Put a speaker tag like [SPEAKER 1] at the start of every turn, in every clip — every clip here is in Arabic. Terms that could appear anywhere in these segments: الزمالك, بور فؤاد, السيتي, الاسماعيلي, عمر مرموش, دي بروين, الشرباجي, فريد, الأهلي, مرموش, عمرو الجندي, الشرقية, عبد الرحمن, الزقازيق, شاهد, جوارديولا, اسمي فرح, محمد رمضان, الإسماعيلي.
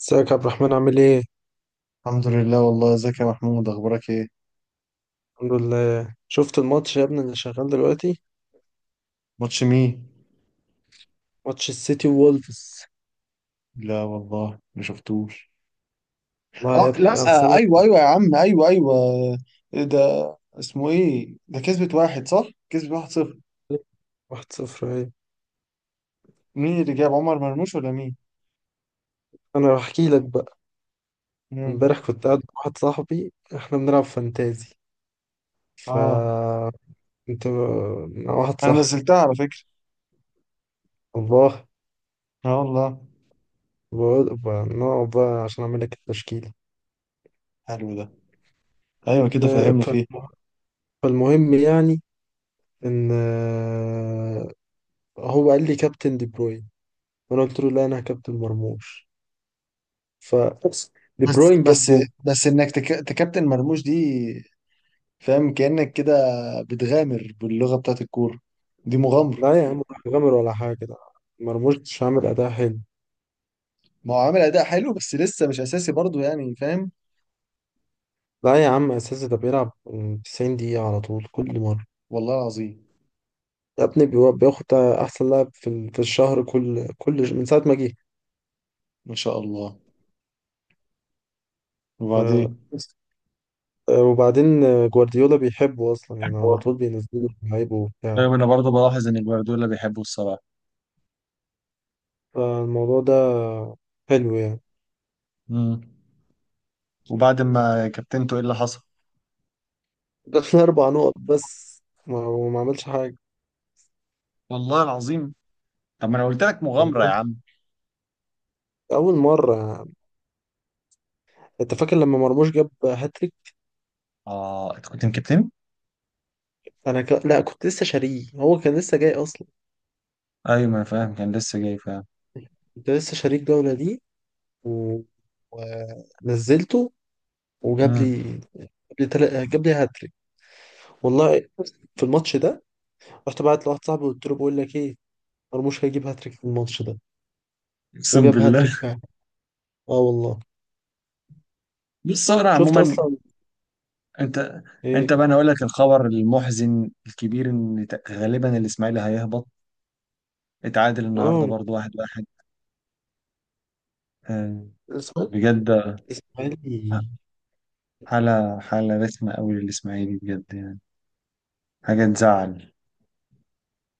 [SPEAKER 1] ازيك يا عبد الرحمن عامل ايه؟
[SPEAKER 2] الحمد لله، والله ازيك يا محمود، اخبارك ايه؟
[SPEAKER 1] الحمد لله، شفت الماتش يا ابني اللي شغال دلوقتي؟
[SPEAKER 2] ماتش مين؟
[SPEAKER 1] ماتش السيتي وولفز.
[SPEAKER 2] لا والله ما شفتوش.
[SPEAKER 1] والله يا
[SPEAKER 2] اه،
[SPEAKER 1] ابني،
[SPEAKER 2] لا،
[SPEAKER 1] اصل
[SPEAKER 2] آه
[SPEAKER 1] انا...
[SPEAKER 2] ايوه ايوه يا عم، ايوه ايوه. إيه ده؟ اسمه ايه ده؟ كسبت واحد صح؟ كسبت واحد صفر؟
[SPEAKER 1] واحد صفر ايه؟
[SPEAKER 2] مين اللي جاب؟ عمر مرموش ولا مين؟
[SPEAKER 1] انا بحكي لك بقى.
[SPEAKER 2] مم.
[SPEAKER 1] امبارح كنت قاعد مع واحد صاحبي، احنا بنلعب فانتازي. ف
[SPEAKER 2] اه،
[SPEAKER 1] مع واحد
[SPEAKER 2] انا
[SPEAKER 1] صاحبي.
[SPEAKER 2] نزلتها على فكرة.
[SPEAKER 1] والله،
[SPEAKER 2] اه والله.
[SPEAKER 1] نقعد بقى عشان اعمل لك التشكيلة.
[SPEAKER 2] حلو ده. ايوه كده،
[SPEAKER 1] ب-
[SPEAKER 2] فهمني فيه.
[SPEAKER 1] فالم- فالمهم يعني، ان هو قال لي كابتن دي بروين، وانا قلت له لا، انا كابتن مرموش. فبس، دي
[SPEAKER 2] بس
[SPEAKER 1] بروين جاب
[SPEAKER 2] بس
[SPEAKER 1] جول.
[SPEAKER 2] بس انك تكابتن مرموش دي، فاهم؟ كأنك كده بتغامر باللغة بتاعت الكورة، دي مغامرة.
[SPEAKER 1] لا يا عم، راح غامر ولا حاجة ده، مرموش مش عامل أداء حلو.
[SPEAKER 2] ما هو عامل اداء حلو بس لسه مش اساسي برضه، يعني فاهم.
[SPEAKER 1] لا يا عم، أساسي، ده بيلعب 90 دقيقة على طول كل مرة.
[SPEAKER 2] والله العظيم.
[SPEAKER 1] يا ابني، بياخد أحسن لاعب في الشهر، كل من ساعة ما جه.
[SPEAKER 2] ما شاء الله.
[SPEAKER 1] ف-
[SPEAKER 2] وبعدين؟
[SPEAKER 1] بس. وبعدين جوارديولا بيحبه أصلا يعني، على
[SPEAKER 2] حلوة.
[SPEAKER 1] طول بينزله لعيبه وبتاع.
[SPEAKER 2] طيب انا برضه بلاحظ ان جوارديولا بيحبه الصراحه.
[SPEAKER 1] فالموضوع ده حلو يعني.
[SPEAKER 2] امم. وبعد ما كابتنته ايه اللي حصل؟
[SPEAKER 1] جاب لنا أربع نقط بس، وما عملش حاجة.
[SPEAKER 2] والله العظيم. طب ما انا قلت لك مغامره يا
[SPEAKER 1] والله،
[SPEAKER 2] عم.
[SPEAKER 1] أول مرة يعني. أنت فاكر لما مرموش جاب هاتريك؟
[SPEAKER 2] اه انت كنت مكابتن؟
[SPEAKER 1] لا، كنت لسه شاريه، هو كان لسه جاي اصلا.
[SPEAKER 2] ايوه، ما انا فاهم كان لسه جاي، فاهم.
[SPEAKER 1] كنت لسه شاريه الجوله دي، و... ونزلته، وجاب لي
[SPEAKER 2] امم.
[SPEAKER 1] جاب جاب لي هاتريك، والله، في الماتش ده. رحت بعت لواحد صاحبي، قلت له بقول لك ايه، مرموش هيجيب هاتريك في الماتش ده،
[SPEAKER 2] اقسم
[SPEAKER 1] وجاب
[SPEAKER 2] بالله؟
[SPEAKER 1] هاتريك فعلا. اه والله.
[SPEAKER 2] بص هو أنا
[SPEAKER 1] شفت
[SPEAKER 2] عموما،
[SPEAKER 1] اصلا؟
[SPEAKER 2] انت
[SPEAKER 1] ايه.
[SPEAKER 2] انت بقى انا اقول لك الخبر المحزن الكبير، ان غالبا الاسماعيلي هيهبط. اتعادل النهارده
[SPEAKER 1] اه.
[SPEAKER 2] برضه واحد واحد. آه،
[SPEAKER 1] الاسماعيلي.
[SPEAKER 2] بجد.
[SPEAKER 1] الاسماعيلي،
[SPEAKER 2] حالة، حالة رسمة قوي للإسماعيلي بجد يعني، حاجة تزعل.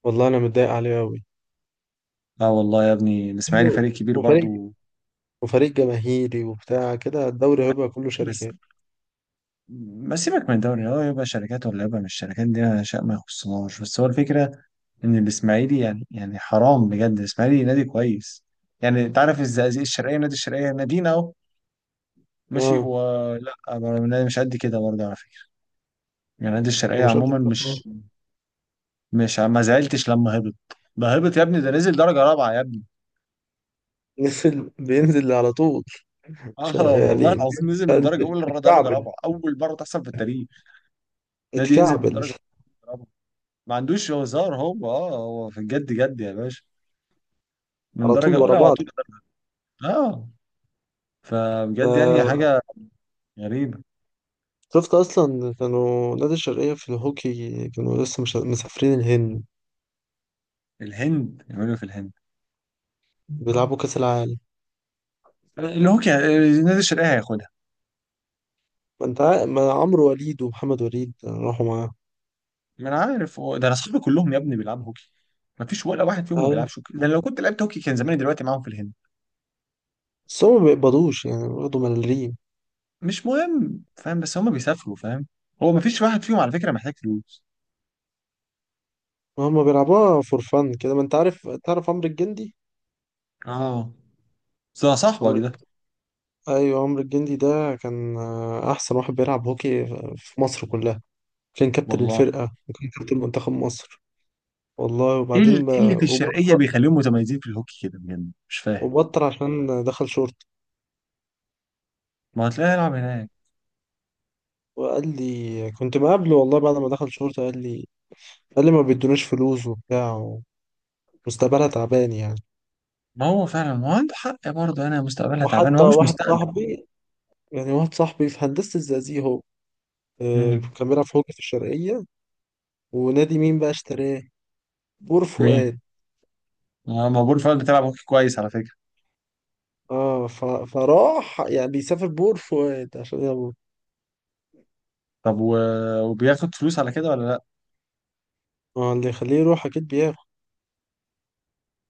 [SPEAKER 1] والله انا متضايق عليه قوي.
[SPEAKER 2] اه والله يا ابني الإسماعيلي فريق كبير
[SPEAKER 1] وفريق،
[SPEAKER 2] برضو.
[SPEAKER 1] وفريق جماهيري وبتاع كده، الدوري هيبقى كله
[SPEAKER 2] بس
[SPEAKER 1] شركات.
[SPEAKER 2] ما سيبك من الدوري، هو يبقى شركات ولا يبقى مش شركات دي شيء ما يخصناش، بس هو الفكرة إن الإسماعيلي يعني، يعني حرام بجد، الإسماعيلي نادي كويس. يعني أنت عارف الزقازيق الشرقية، نادي الشرقية نادينا أهو، ماشي
[SPEAKER 1] اه.
[SPEAKER 2] ولا؟ نادي مش قد كده برضه على فكرة، يعني نادي الشرقية
[SPEAKER 1] ومش
[SPEAKER 2] عموما
[SPEAKER 1] هتفرح؟
[SPEAKER 2] مش، مش ما زعلتش لما هبط. ده هبط يا ابني، ده نزل درجة رابعة يا ابني.
[SPEAKER 1] نزل، بينزل على طول. ش-
[SPEAKER 2] اه والله
[SPEAKER 1] يعني
[SPEAKER 2] العظيم نزل من درجه اولى لدرجه
[SPEAKER 1] اتكعبل،
[SPEAKER 2] رابعه، اول مره تحصل في التاريخ. نادي ينزل من
[SPEAKER 1] اتكعبل
[SPEAKER 2] درجه أولى لرابعه؟ ما عندوش هزار هو، اه هو في الجد جد يا باشا. من
[SPEAKER 1] على
[SPEAKER 2] درجه
[SPEAKER 1] طول ورا
[SPEAKER 2] اولى على
[SPEAKER 1] بعض.
[SPEAKER 2] طول درجة. اه. فبجد يعني
[SPEAKER 1] آه،
[SPEAKER 2] حاجه غريبه.
[SPEAKER 1] شفت اصلا؟ كانوا نادي الشرقية في الهوكي، كانوا لسه مش مسافرين الهند،
[SPEAKER 2] الهند؟ يعملوا إيه في الهند؟
[SPEAKER 1] بيلعبوا كأس العالم.
[SPEAKER 2] الهوكي؟ النادي الشرقيه هياخدها.
[SPEAKER 1] ما انت عا- ما عمرو وليد ومحمد وليد راحوا معاه.
[SPEAKER 2] ما انا عارف هو ده، انا اصحابي كلهم يا ابني بيلعبوا هوكي. ما فيش ولا واحد فيهم ما
[SPEAKER 1] أيوة.
[SPEAKER 2] بيلعبش هوكي، لان لو كنت لعبت هوكي كان زماني دلوقتي معاهم في الهند.
[SPEAKER 1] بس هم ما بيقبضوش يعني، برضه ملاليم.
[SPEAKER 2] مش مهم، فاهم؟ بس هم بيسافروا فاهم. هو ما فيش واحد فيهم على فكره محتاج فلوس.
[SPEAKER 1] هم بيلعبوها فور فن كده، ما انت عارف، تعرف عمرو الجندي؟
[SPEAKER 2] اه. ده صاحبك
[SPEAKER 1] عمرو،
[SPEAKER 2] ده.
[SPEAKER 1] ايوه، عمرو الجندي ده كان احسن واحد بيلعب هوكي في مصر كلها. كان كابتن
[SPEAKER 2] والله.
[SPEAKER 1] الفرقة وكان كابتن منتخب مصر، والله.
[SPEAKER 2] إيه اللي في الشرقيه
[SPEAKER 1] وبطل،
[SPEAKER 2] بيخليهم متميزين في الهوكي كده بجد، مش فاهم.
[SPEAKER 1] وبطل عشان دخل شورت.
[SPEAKER 2] ما هتلاقيه يلعب هناك.
[SPEAKER 1] وقال لي، كنت مقابله والله، بعد ما دخل شورت قال لي ما بيدوناش فلوس وبتاع، ومستقبلها تعبان يعني.
[SPEAKER 2] ما هو فعلا، ما هو عنده حق برضه، انا مستقبلها تعبان،
[SPEAKER 1] وحتى
[SPEAKER 2] هو مش
[SPEAKER 1] واحد
[SPEAKER 2] مستقبل.
[SPEAKER 1] صاحبي، يعني واحد صاحبي في هندسة الزقازيق، هو
[SPEAKER 2] مم.
[SPEAKER 1] كان بيلعب في هوكي في الشرقية. ونادي مين بقى اشتراه؟ بور
[SPEAKER 2] مين؟
[SPEAKER 1] فؤاد.
[SPEAKER 2] آه، ما بقول فعلا بتلعب هوكي كويس على فكره.
[SPEAKER 1] اه، فراح يعني بيسافر بور فؤاد عشان يلا.
[SPEAKER 2] طب وبياخد فلوس على كده ولا لا؟
[SPEAKER 1] اه، اللي يخليه يروح اكيد بياخد.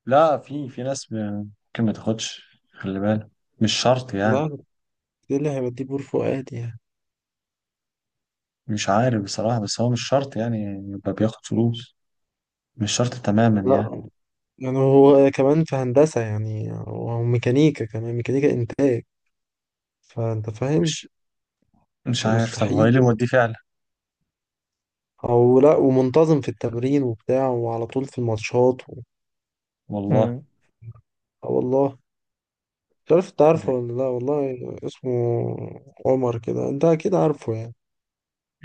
[SPEAKER 2] لا، في ناس ممكن ما تاخدش، خلي بالك. مش شرط يعني.
[SPEAKER 1] لا، ده اللي هيوديه بور فؤاد يعني.
[SPEAKER 2] مش عارف بصراحه، بس هو مش شرط يعني يبقى بياخد فلوس. مش شرط تماما يعني.
[SPEAKER 1] لا، يعني هو كمان في هندسة، يعني هو ميكانيكا، كمان ميكانيكا إنتاج، فأنت فاهم.
[SPEAKER 2] مش مش عارف، طب هو ايه
[SPEAKER 1] فمستحيل،
[SPEAKER 2] اللي موديه فعلا؟
[SPEAKER 1] أو لا، ومنتظم في التمرين وبتاع وعلى طول في الماتشات امم
[SPEAKER 2] والله.
[SPEAKER 1] اه والله. مش عارف انت عارفه ولا لا، والله، اسمه عمر كده، انت اكيد عارفه يعني.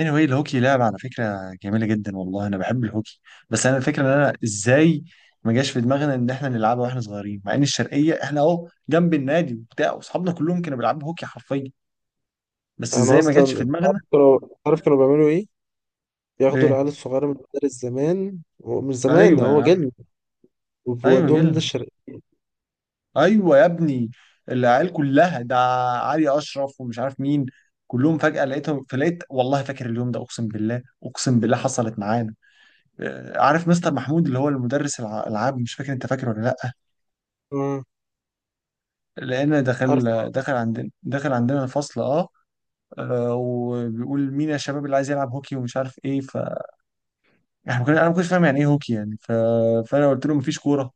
[SPEAKER 2] anyway الهوكي لعبة على فكرة جميلة جدا، والله أنا بحب الهوكي. بس أنا الفكرة إن أنا إزاي ما جاش في دماغنا إن إحنا نلعبها وإحنا صغيرين، مع إن الشرقية إحنا أهو جنب النادي وبتاع وأصحابنا كلهم كانوا بيلعبوا هوكي حرفيا. بس
[SPEAKER 1] انا
[SPEAKER 2] إزاي ما
[SPEAKER 1] اصلا
[SPEAKER 2] جاتش في
[SPEAKER 1] انت عارف
[SPEAKER 2] دماغنا؟
[SPEAKER 1] كانوا، عارف كانوا بيعملوا ايه؟ بياخدوا العيال
[SPEAKER 2] إيه؟
[SPEAKER 1] الصغيره من المدارس زمان، هو مش زمان ده،
[SPEAKER 2] أيوه يا
[SPEAKER 1] هو
[SPEAKER 2] عم.
[SPEAKER 1] جيل،
[SPEAKER 2] أيوه
[SPEAKER 1] وبيودوهم النادي
[SPEAKER 2] جيلنا.
[SPEAKER 1] الشرقية.
[SPEAKER 2] أيوه يا ابني. العيال كلها ده، علي أشرف ومش عارف مين، كلهم فجأة لقيتهم، فلقيت والله فاكر اليوم ده، أقسم بالله أقسم بالله حصلت معانا. آه، عارف مستر محمود اللي هو المدرس الألعاب، مش فاكر؟ أنت فاكر ولا لأ؟
[SPEAKER 1] اه،
[SPEAKER 2] لان دخل
[SPEAKER 1] عارفه، عارفه.
[SPEAKER 2] دخل عندنا، دخل عندنا الفصل. اه. آه، وبيقول مين يا شباب اللي عايز يلعب هوكي ومش عارف ايه، ف احنا ما كنا- انا ما كنتش فاهم يعني ايه هوكي يعني فانا قلت له مفيش كوره؟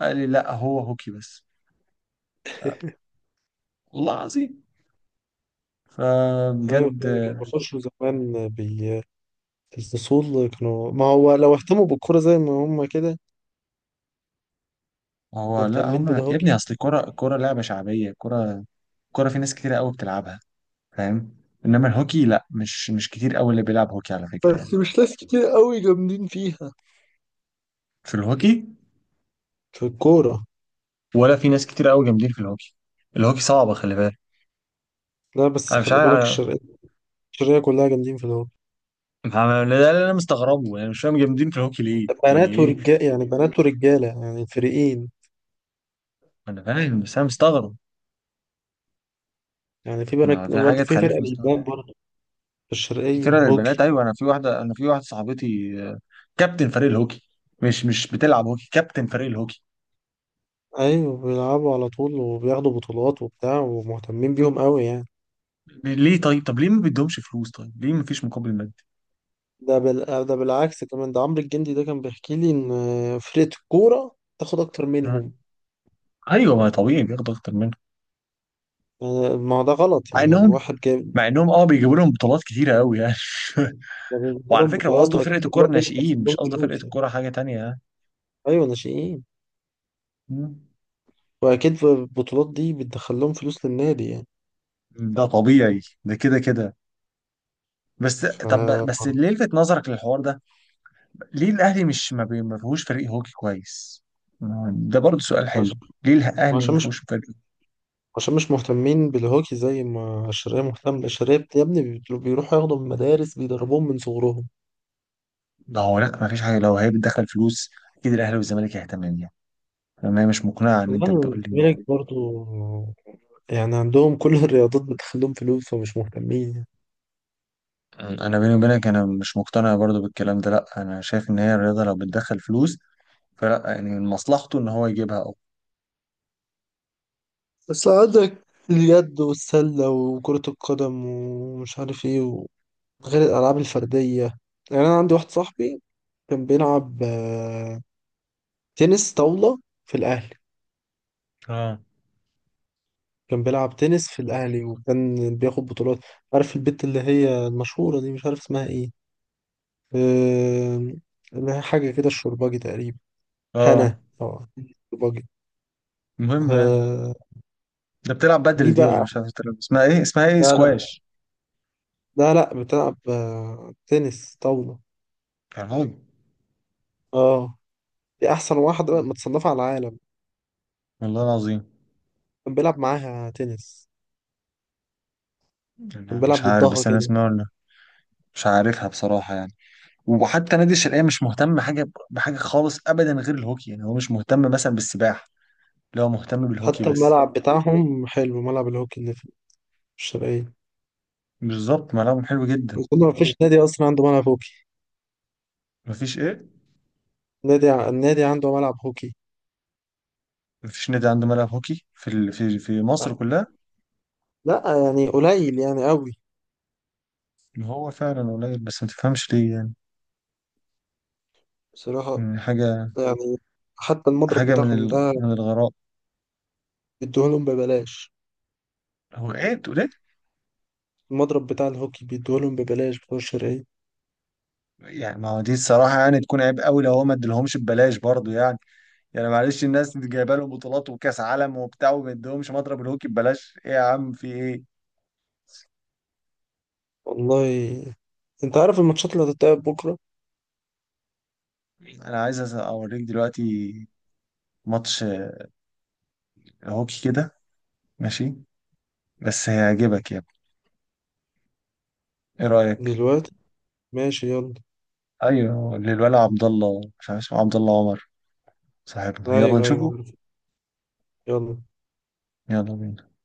[SPEAKER 2] قال لي لا هو هوكي بس. والله العظيم.
[SPEAKER 1] ايوه
[SPEAKER 2] فبجد
[SPEAKER 1] كده، كانوا
[SPEAKER 2] آه،
[SPEAKER 1] بيخشوا زمان الفصول. كانوا، ما هو لو اهتموا بالكورة زي ما هم كده
[SPEAKER 2] هو لا،
[SPEAKER 1] مهتمين
[SPEAKER 2] هم يا ابني
[SPEAKER 1] بالهوكي.
[SPEAKER 2] اصل الكوره، الكوره لعبه شعبيه، الكوره، الكوره في ناس كتير قوي بتلعبها، فاهم؟ انما الهوكي لا، مش كتير قوي اللي بيلعب هوكي على فكره يعني.
[SPEAKER 1] بس مش ناس كتير قوي جامدين فيها،
[SPEAKER 2] في الهوكي.
[SPEAKER 1] في الكورة.
[SPEAKER 2] ولا في ناس كتير قوي جامدين في الهوكي. الهوكي صعبه، خلي بالك.
[SPEAKER 1] لا،
[SPEAKER 2] انا
[SPEAKER 1] بس
[SPEAKER 2] مش
[SPEAKER 1] خلي بالك
[SPEAKER 2] عارف.
[SPEAKER 1] الشرقية، الشرقية كلها جامدين في الهوكي.
[SPEAKER 2] فاهم؟ ده اللي انا مستغربه يعني، مش فاهم جامدين في الهوكي ليه، يعني
[SPEAKER 1] بنات
[SPEAKER 2] ايه.
[SPEAKER 1] ورجال يعني، بنات ورجالة يعني الفريقين.
[SPEAKER 2] انا فاهم، بس انا مستغرب.
[SPEAKER 1] يعني في
[SPEAKER 2] ما
[SPEAKER 1] بنات
[SPEAKER 2] في حاجه
[SPEAKER 1] برضه، في
[SPEAKER 2] تخليك
[SPEAKER 1] فرقة
[SPEAKER 2] مستغرب.
[SPEAKER 1] للبنات برضه في الشرقية
[SPEAKER 2] كتير للبنات،
[SPEAKER 1] هوكي.
[SPEAKER 2] ايوه انا في واحده، انا في واحده صاحبتي آه، كابتن فريق الهوكي. مش بتلعب هوكي، كابتن فريق الهوكي.
[SPEAKER 1] أيوة، بيلعبوا على طول وبياخدوا بطولات وبتاع، ومهتمين بيهم قوي يعني.
[SPEAKER 2] ليه طيب؟ طب ليه ما بيدهمش فلوس؟ طيب ليه ما فيش مقابل مادي؟
[SPEAKER 1] ده بالعكس كمان. ده عمرو الجندي ده كان بيحكي لي إن فرقة الكورة تاخد أكتر منهم.
[SPEAKER 2] مم. ايوه، ما طبيعي بياخدوا اكتر منه.
[SPEAKER 1] ما هو ده غلط
[SPEAKER 2] مع
[SPEAKER 1] يعني.
[SPEAKER 2] انهم
[SPEAKER 1] واحد جايب،
[SPEAKER 2] مع انهم اه بيجيبوا لهم بطولات كتيره قوي يعني.
[SPEAKER 1] لما بيجيبوا
[SPEAKER 2] وعلى
[SPEAKER 1] لهم
[SPEAKER 2] فكره هو
[SPEAKER 1] بطولات،
[SPEAKER 2] قصده
[SPEAKER 1] واكيد
[SPEAKER 2] فرقه الكوره
[SPEAKER 1] البطولات دي بتدخل
[SPEAKER 2] الناشئين، مش
[SPEAKER 1] لهم
[SPEAKER 2] قصده فرقه
[SPEAKER 1] فلوس يعني.
[SPEAKER 2] الكوره حاجه تانية يعني.
[SPEAKER 1] ايوه، ناشئين.
[SPEAKER 2] مم.
[SPEAKER 1] واكيد البطولات دي بتدخل لهم فلوس للنادي يعني.
[SPEAKER 2] ده طبيعي، ده كده كده. بس
[SPEAKER 1] ف
[SPEAKER 2] طب بس اللي لفت نظرك للحوار ده، ليه الاهلي مش ما فيهوش فريق هوكي كويس؟ ده برضه سؤال
[SPEAKER 1] عش-
[SPEAKER 2] حلو. ليه الاهلي ما
[SPEAKER 1] عشان مش
[SPEAKER 2] فيهوش فريق؟
[SPEAKER 1] عشان مش مهتمين بالهوكي زي ما الشرقية مهتمة. الشرقية يا ابني بيروحوا ياخدوا من مدارس، بيدربوهم من صغرهم.
[SPEAKER 2] لا هو لا، ما فيش حاجه، لو هي بتدخل فلوس اكيد الاهلي والزمالك هيهتم بيها. انا مش مقنعه ان انت
[SPEAKER 1] والله
[SPEAKER 2] بتقول لي.
[SPEAKER 1] الزمالك برضو، يعني عندهم كل الرياضات بتدخل لهم فلوس، فمش مهتمين يعني.
[SPEAKER 2] انا بيني وبينك انا مش مقتنع برضه بالكلام ده، لا انا شايف ان هي الرياضه لو بتدخل فلوس فلا يعني من مصلحته ان هو يجيبها أو.
[SPEAKER 1] بس عندك اليد والسلة وكرة القدم ومش عارف ايه، غير الألعاب الفردية. يعني أنا عندي واحد صاحبي كان بيلعب تنس طاولة في الأهلي.
[SPEAKER 2] اه.
[SPEAKER 1] كان بيلعب تنس في الأهلي، وكان بياخد بطولات. عارف البت اللي هي المشهورة دي؟ مش عارف اسمها ايه، آم، اللي هي حاجة كده الشرباجي تقريبا.
[SPEAKER 2] اه.
[SPEAKER 1] هنا طبعا، الشرباجي.
[SPEAKER 2] المهم يعني.
[SPEAKER 1] آه،
[SPEAKER 2] ده بتلعب
[SPEAKER 1] دي
[SPEAKER 2] بدل دي ولا
[SPEAKER 1] بقى،
[SPEAKER 2] مش عارف بتلعب اسمها ايه، اسمها ايه،
[SPEAKER 1] لا لا،
[SPEAKER 2] سكواش؟
[SPEAKER 1] لا لا بتلعب تنس طاولة.
[SPEAKER 2] يا راجل.
[SPEAKER 1] اه، دي أحسن واحدة متصنفة على العالم.
[SPEAKER 2] والله العظيم.
[SPEAKER 1] كان بيلعب معاها تنس،
[SPEAKER 2] أنا
[SPEAKER 1] كان بيلعب
[SPEAKER 2] مش عارف
[SPEAKER 1] ضدها
[SPEAKER 2] بس أنا
[SPEAKER 1] كده.
[SPEAKER 2] اسمها ولا، مش عارفها بصراحة يعني. وحتى نادي الشرقية مش مهتم حاجة بحاجة خالص أبدا غير الهوكي، يعني هو مش مهتم مثلا بالسباحة، لا هو مهتم بالهوكي
[SPEAKER 1] حتى
[SPEAKER 2] بس.
[SPEAKER 1] الملعب بتاعهم حلو، ملعب الهوكي اللي في الشرقية.
[SPEAKER 2] بالظبط، ملعبهم حلو جدا.
[SPEAKER 1] أظن ما فيش نادي أصلا عنده ملعب هوكي،
[SPEAKER 2] مفيش إيه؟
[SPEAKER 1] النادي عنده ملعب هوكي.
[SPEAKER 2] مفيش نادي عنده ملعب هوكي في في مصر كلها؟
[SPEAKER 1] لا، يعني قليل يعني، قوي
[SPEAKER 2] هو فعلا قليل، بس ما تفهمش ليه يعني.
[SPEAKER 1] بصراحة.
[SPEAKER 2] يعني حاجة،
[SPEAKER 1] يعني حتى المضرب
[SPEAKER 2] حاجة
[SPEAKER 1] بتاعهم ده
[SPEAKER 2] من الغراء.
[SPEAKER 1] بيدوهولهم ببلاش،
[SPEAKER 2] هو إيه تقول إيه؟
[SPEAKER 1] المضرب بتاع الهوكي بيدوهولهم ببلاش بتوع الشرقية.
[SPEAKER 2] يعني ما هو دي الصراحة يعني تكون عيب قوي لو هو ما ادالهمش ببلاش برضه يعني. يعني معلش الناس دي جايبه لهم بطولات وكاس عالم وبتاع وما يديهمش مضرب الهوكي ببلاش، ايه يا عم، في ايه؟
[SPEAKER 1] والله. أنت عارف الماتشات اللي هتتلعب بكرة؟
[SPEAKER 2] انا عايز اوريك دلوقتي ماتش هوكي كده، ماشي؟ بس هيعجبك يا ابني. ايه رايك؟
[SPEAKER 1] دلوقتي، ماشي يلا.
[SPEAKER 2] ايوه للولا عبد الله، مش عارف اسمه عبد الله عمر، صاحبنا، يلا
[SPEAKER 1] أيوه
[SPEAKER 2] نشوفه.
[SPEAKER 1] أيوه، يلا.
[SPEAKER 2] يلا بينا.